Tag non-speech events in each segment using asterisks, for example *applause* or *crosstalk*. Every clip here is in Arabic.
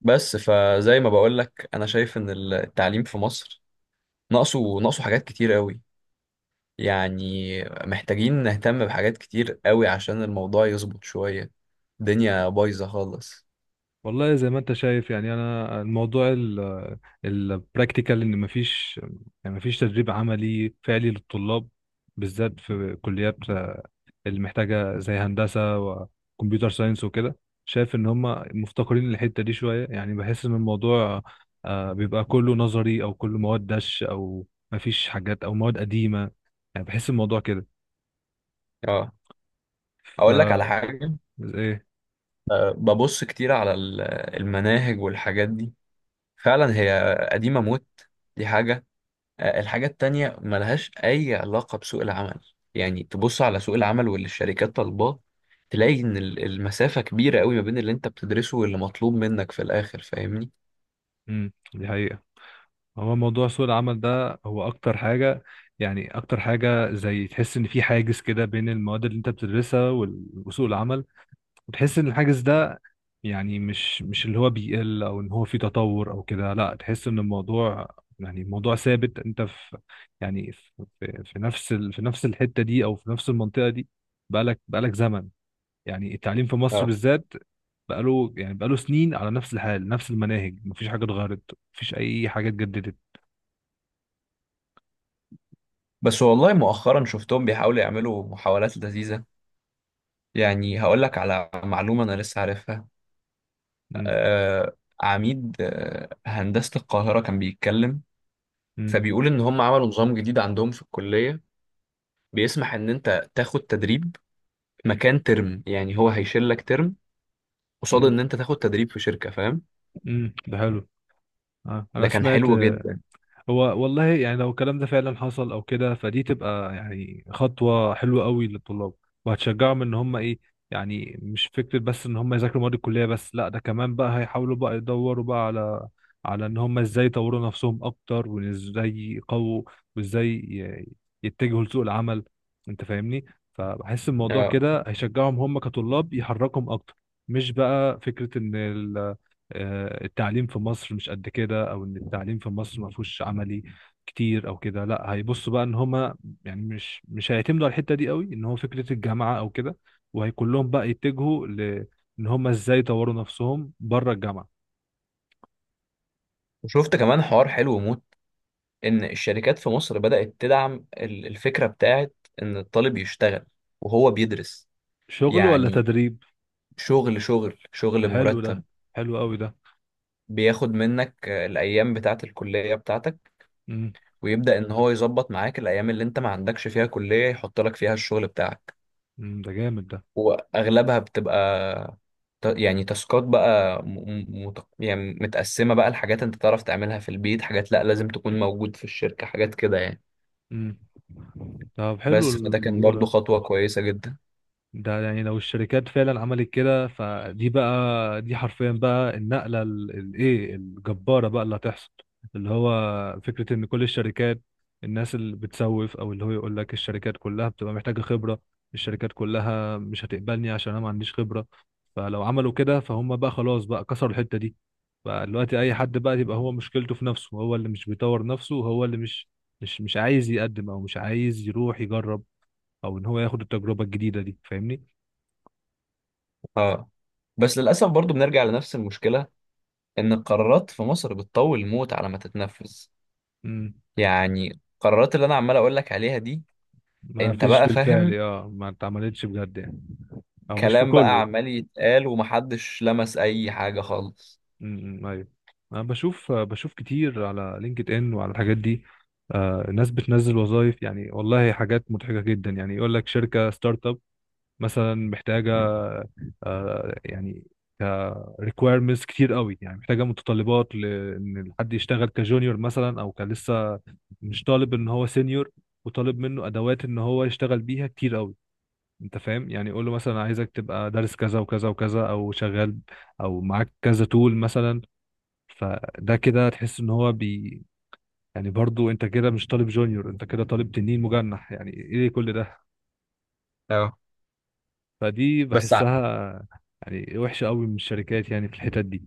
بس فزي ما بقول لك انا شايف ان التعليم في مصر ناقصه حاجات كتير قوي، يعني محتاجين نهتم بحاجات كتير قوي عشان الموضوع يظبط شوية. الدنيا بايظة خالص. والله زي ما انت شايف، يعني انا الموضوع البراكتيكال ان يعني مفيش تدريب عملي فعلي للطلاب، بالذات في كليات اللي محتاجه زي هندسه وكمبيوتر ساينس وكده. شايف ان هم مفتقرين الحته دي شويه، يعني بحس ان الموضوع بيبقى كله نظري او كله مواد دش او مفيش حاجات او مواد قديمه، يعني بحس الموضوع كده. اه، ف اقول لك على حاجة. ايه؟ أه، ببص كتير على المناهج والحاجات دي، فعلا هي قديمة موت. دي حاجة. الحاجة التانية ملهاش أي علاقة بسوق العمل، يعني تبص على سوق العمل واللي الشركات طالباه تلاقي إن المسافة كبيرة قوي ما بين اللي أنت بتدرسه واللي مطلوب منك في الآخر. فاهمني؟ دي حقيقة. هو موضوع سوق العمل ده هو اكتر حاجة، يعني اكتر حاجة زي تحس ان في حاجز كده بين المواد اللي انت بتدرسها وسوق العمل، وتحس ان الحاجز ده، يعني مش اللي هو بيقل او ان هو في تطور او كده، لا تحس ان الموضوع، يعني الموضوع ثابت، انت في، يعني في نفس الحتة دي او في نفس المنطقة دي. بقالك زمن، يعني التعليم في مصر اه. بالذات بقاله سنين على نفس الحال، نفس المناهج، مفيش حاجة اتغيرت، مفيش اي حاجة اتجددت. بس والله مؤخرا شفتهم بيحاولوا يعملوا محاولات لذيذة. يعني هقول لك على معلومة أنا لسه عارفها. آه، عميد آه هندسة القاهرة كان بيتكلم، امم فبيقول إن هم عملوا نظام جديد عندهم في الكلية، بيسمح إن أنت تاخد تدريب مكان ترم، يعني هو هيشيل لك ترم قصاد امم ان انت تاخد تدريب في شركه. فاهم؟ امم. ده حلو. آه. انا ده كان سمعت حلو آه، جدا. هو والله، يعني لو الكلام ده فعلا حصل او كده، فدي تبقى يعني خطوة حلوة قوي للطلاب، وهتشجعهم ان هم ايه، يعني مش فكرة بس ان هم يذاكروا مواد الكلية بس، لا، ده كمان بقى هيحاولوا بقى يدوروا بقى على ان هم ازاي يطوروا نفسهم اكتر، وازاي يقووا، وازاي يتجهوا لسوق العمل، انت فاهمني؟ فبحس الموضوع اه، كده هيشجعهم هم كطلاب، يحركهم اكتر، مش بقى فكرة ان التعليم في مصر مش قد كده، او ان التعليم في مصر ما فيهوش عملي كتير او كده، لا هيبصوا بقى ان هما، يعني مش هيعتمدوا على الحته دي قوي ان هو فكره الجامعه او كده، وهيكون لهم بقى يتجهوا ان هما ازاي يطوروا نفسهم بره الجامعه. وشفت كمان حوار حلو موت، ان الشركات في مصر بدات تدعم الفكره بتاعت ان الطالب يشتغل وهو بيدرس. شغل ولا يعني تدريب؟ شغل شغل ده شغل حلو ده، بمرتب، حلو قوي ده. بياخد منك الايام بتاعه الكليه بتاعتك، امم. ويبدا ان هو يظبط معاك الايام اللي انت ما عندكش فيها كليه يحط لك فيها الشغل بتاعك، ده جامد ده. واغلبها بتبقى يعني تاسكات بقى يعني متقسمه بقى لحاجات انت تعرف تعملها في البيت، حاجات لا لازم تكون موجود في الشركه، حاجات كده يعني. امم، طب حلو بس فده كان الموضوع برضو ده. خطوه كويسه جدا. ده يعني لو الشركات فعلا عملت كده فدي بقى، دي حرفيا بقى النقلة الايه الجبارة بقى اللي هتحصل، اللي هو فكرة ان كل الشركات، الناس اللي بتسوف او اللي هو يقول لك الشركات كلها بتبقى محتاجة خبرة، الشركات كلها مش هتقبلني عشان انا ما عنديش خبرة، فلو عملوا كده فهم بقى خلاص بقى كسروا الحتة دي، بقى دلوقتي اي حد بقى يبقى هو مشكلته في نفسه، هو اللي مش بيطور نفسه، هو اللي مش عايز يقدم، او مش عايز يروح يجرب، او ان هو ياخد التجربة الجديدة دي، فاهمني؟ اه. بس للاسف برضو بنرجع لنفس المشكله، ان القرارات في مصر بتطول موت على ما تتنفذ. مم. يعني القرارات اللي انا عمال اقول لك عليها دي، ما انت فيش بقى بالفعل، فاهم، ما اتعملتش بجد يعني، او مش في كلام بقى كله. عمال يتقال ومحدش لمس اي حاجه خالص. امم، ايوه. انا بشوف كتير على لينكد ان وعلى الحاجات دي. ناس بتنزل وظائف، يعني والله حاجات مضحكه جدا، يعني يقول لك شركه ستارت اب مثلا محتاجه، يعني ريكويرمنتس كتير قوي، يعني محتاجه متطلبات لان حد يشتغل كجونيور مثلا، او كان لسه مش طالب ان هو سينيور، وطالب منه ادوات ان هو يشتغل بيها كتير قوي، انت فاهم، يعني قول له مثلا عايزك تبقى دارس كذا وكذا وكذا، او شغال، او معاك كذا تول مثلا، فده كده تحس ان هو يعني برضو انت كده مش طالب جونيور، انت كده طالب تنين مجنح، يعني ايه كل ده؟ اه. فدي بس ع- بحسها يعني وحشة قوي من الشركات، يعني في الحتت دي.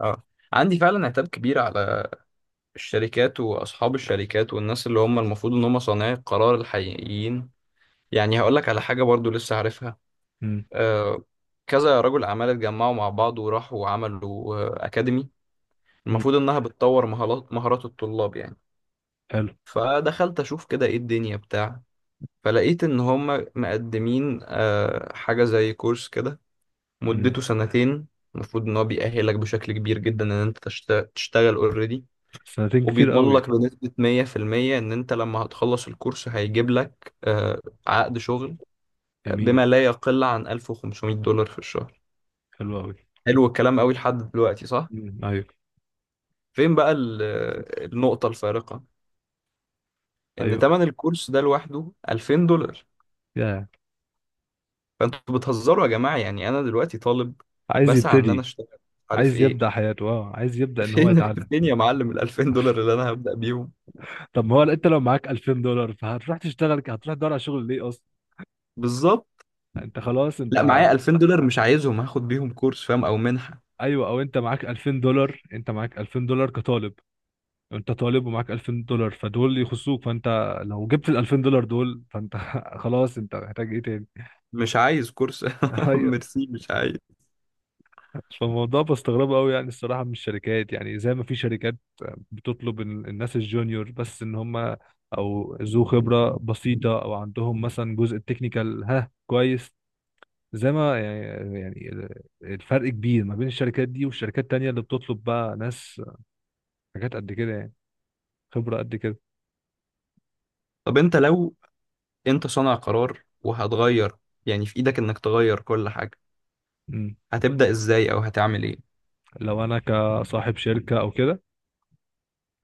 اه، عندي فعلا عتاب كبير على الشركات واصحاب الشركات والناس اللي هم المفروض ان هم صانعي القرار الحقيقيين. يعني هقول لك على حاجه برضو لسه عارفها. امم. آه، كذا رجل اعمال اتجمعوا مع بعض وراحوا وعملوا آه اكاديمي امم. المفروض انها بتطور مهارات الطلاب يعني. حلو. فدخلت اشوف كده ايه الدنيا بتاع، فلقيت ان هم مقدمين آه حاجه زي كورس كده، امم. مدته سنتين، المفروض ان هو بيأهلك بشكل كبير جدا ان انت تشتغل اوريدي. سنتين كتير وبيضمن قوي. لك بنسبة 100% إن أنت لما هتخلص الكورس هيجيب لك آه، عقد شغل آه، بما جميل. لا يقل عن 1500 دولار في الشهر. حلو قوي. حلو الكلام قوي لحد دلوقتي، صح؟ امم، ايوه فين بقى آه، النقطة الفارقة؟ إن ايوه. تمن الكورس ده لوحده 2000 دولار. يا. فأنتوا بتهزروا يا جماعة، يعني أنا دلوقتي طالب عايز بسعى إن أنا يبتدي، أشتغل، عارف عايز إيه؟ يبدأ حياته، اه عايز *laughs* يبدأ ان هو فين يتعلم. فين يا معلم ال 2000 دولار اللي أنا هبدأ بيهم؟ طب ما هو انت لو معاك 2000 دولار فهتروح تشتغل، هتروح تدور على شغل ليه اصلا؟ بالظبط. انت خلاص انت. لا، معايا 2000 دولار مش عايزهم هاخد بيهم كورس، فاهم؟ أو منحة. ايوه، او انت معاك 2000 دولار، انت معاك 2000 دولار كطالب، انت طالب ومعاك 2000 دولار، فدول يخصوك، فانت لو جبت ال 2000 دولار دول فانت *laughs* خلاص، انت محتاج ايه تاني؟ مش عايز كورس. *laughs* *laughs* ايوه. ميرسي، مش عايز. فالموضوع بستغربه قوي يعني الصراحه من الشركات، يعني زي ما في شركات بتطلب الناس الجونيور بس ان هم، او ذو خبره بسيطه، او عندهم مثلا جزء التكنيكال، ها كويس، زي ما يعني، الفرق كبير ما بين الشركات دي والشركات التانية اللي بتطلب بقى ناس حاجات قد كده يعني، خبرة قد كده. طب انت لو انت صانع قرار وهتغير، يعني في ايدك انك تغير كل حاجة، مم. هتبدأ ازاي او هتعمل ايه؟ لو أنا كصاحب شركة أو كده.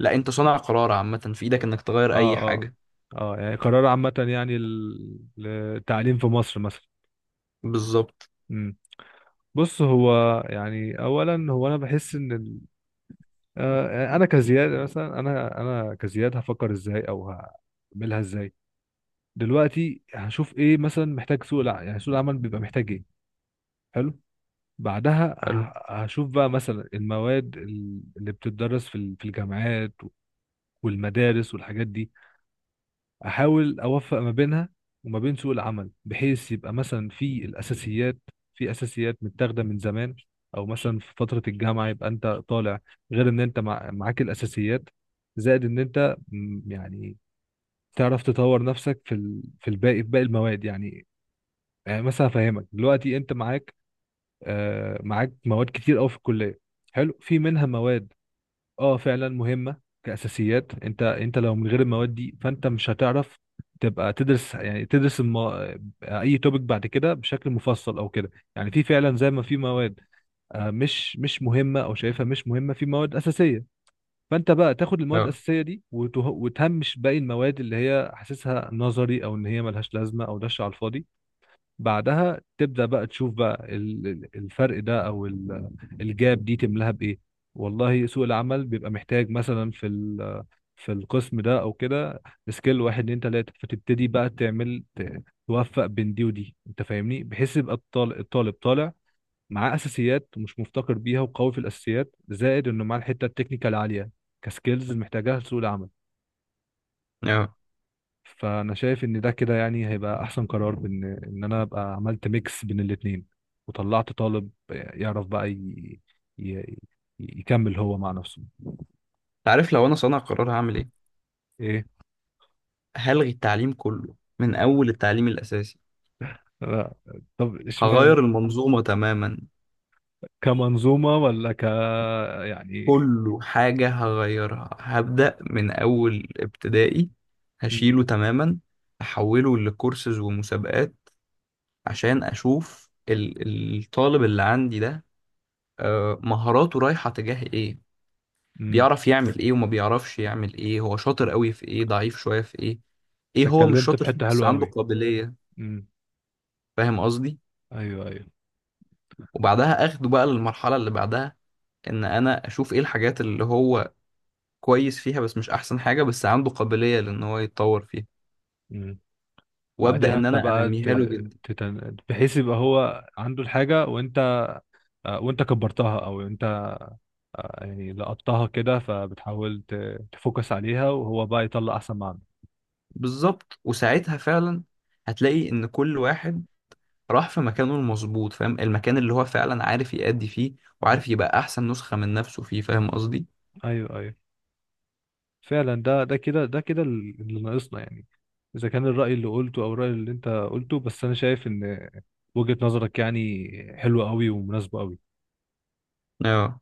لا، انت صانع قرار عامة، في ايدك انك تغير اه، اي اه. حاجة. اه يعني قرار عامة، يعني للتعليم في مصر مثلا. بالظبط. مم. بص هو يعني، اولا هو انا بحس ان ال... آه، يعني انا كزياد مثلا، انا كزياد هفكر ازاي او هعملها ازاي، دلوقتي هشوف ايه مثلا محتاج سوق العمل، يعني سوق العمل بيبقى محتاج ايه. حلو. بعدها حلو. هشوف بقى مثلا المواد اللي بتدرس في في الجامعات والمدارس والحاجات دي، احاول اوفق ما بينها وما بين سوق العمل، بحيث يبقى مثلا في الاساسيات، في اساسيات متاخده من زمان، او مثلا في فتره الجامعه يبقى انت طالع، غير ان انت معاك الاساسيات، زائد ان انت يعني تعرف تطور نفسك في في الباقي، في باقي المواد يعني. يعني مثلا افهمك دلوقتي انت معاك، معاك مواد كتير قوي في الكليه، حلو، في منها مواد اه فعلا مهمه كاساسيات، انت لو من غير المواد دي فانت مش هتعرف تبقى تدرس، يعني تدرس الم... آه، اي توبيك بعد كده بشكل مفصل او كده، يعني في فعلا زي ما في مواد مش مهمه او شايفها مش مهمه، في مواد اساسيه، فانت بقى تاخد المواد اه، الاساسيه دي وتهمش باقي المواد اللي هي حاسسها نظري، او ان هي ملهاش لازمه، او دش على الفاضي. بعدها تبدأ بقى تشوف بقى الفرق ده، او الجاب دي تملاها بايه، والله سوق العمل بيبقى محتاج مثلا في في القسم ده او كده، سكيل واحد اتنين تلاتة، فتبتدي بقى تعمل توفق بين دي ودي، انت فاهمني؟ بحيث يبقى الطالب طالع معاه اساسيات، مش مفتقر بيها، وقوي في الاساسيات، زائد انه معاه الحتة التكنيكال عالية كسكيلز محتاجها لسوق العمل. اه. فانا شايف ان ده كده يعني هيبقى احسن قرار، بان ان انا ابقى عملت ميكس بين الاتنين، وطلعت طالب يعرف ي... يكمل هو مع نفسه. عارف لو انا صانع قرار هعمل ايه؟ ايه؟ هلغي التعليم كله من اول التعليم الاساسي. لا. طب هغير اشمعنى؟ المنظومة تماما، كمنظومة ولا يعني. كله حاجة هغيرها. هبدأ من اول ابتدائي، امم. هشيله تماما، احوله لكورسز ومسابقات، عشان اشوف الطالب اللي عندي ده آه، مهاراته رايحة تجاه ايه، امم. بيعرف يعمل ايه وما بيعرفش يعمل ايه، هو شاطر قوي في ايه، ضعيف شوية في ايه، ايه هو مش اتكلمت شاطر في فيه حتة بس حلوة عنده قوي. قابلية. امم، فاهم قصدي؟ ايوه ايوه. وبعدها اخده بقى للمرحلة اللي بعدها، ان انا اشوف ايه الحاجات اللي هو كويس فيها بس مش احسن حاجة بس عنده قابلية لان هو يتطور فيها، امم. وابدا بعديها ان انت انا بقى انميها له جدا. بحيث يبقى هو عنده الحاجة، وانت كبرتها، او انت، يعني لقطتها كده، فبتحاول تفوكس عليها، وهو بقى يطلع احسن ما عنده. بالظبط. وساعتها فعلا هتلاقي ان كل واحد راح في مكانه المظبوط، فاهم المكان اللي هو فعلا عارف يأدي فيه م. وعارف يبقى احسن نسخة من نفسه فيه. فاهم قصدي؟ ايوه ايوه. فعلا ده كده اللي ناقصنا يعني، اذا كان الرأي اللي قلته، او الرأي اللي انت قلته، بس انا شايف ان وجهة نظرك يعني حلوة قوي ومناسبة قوي. اه.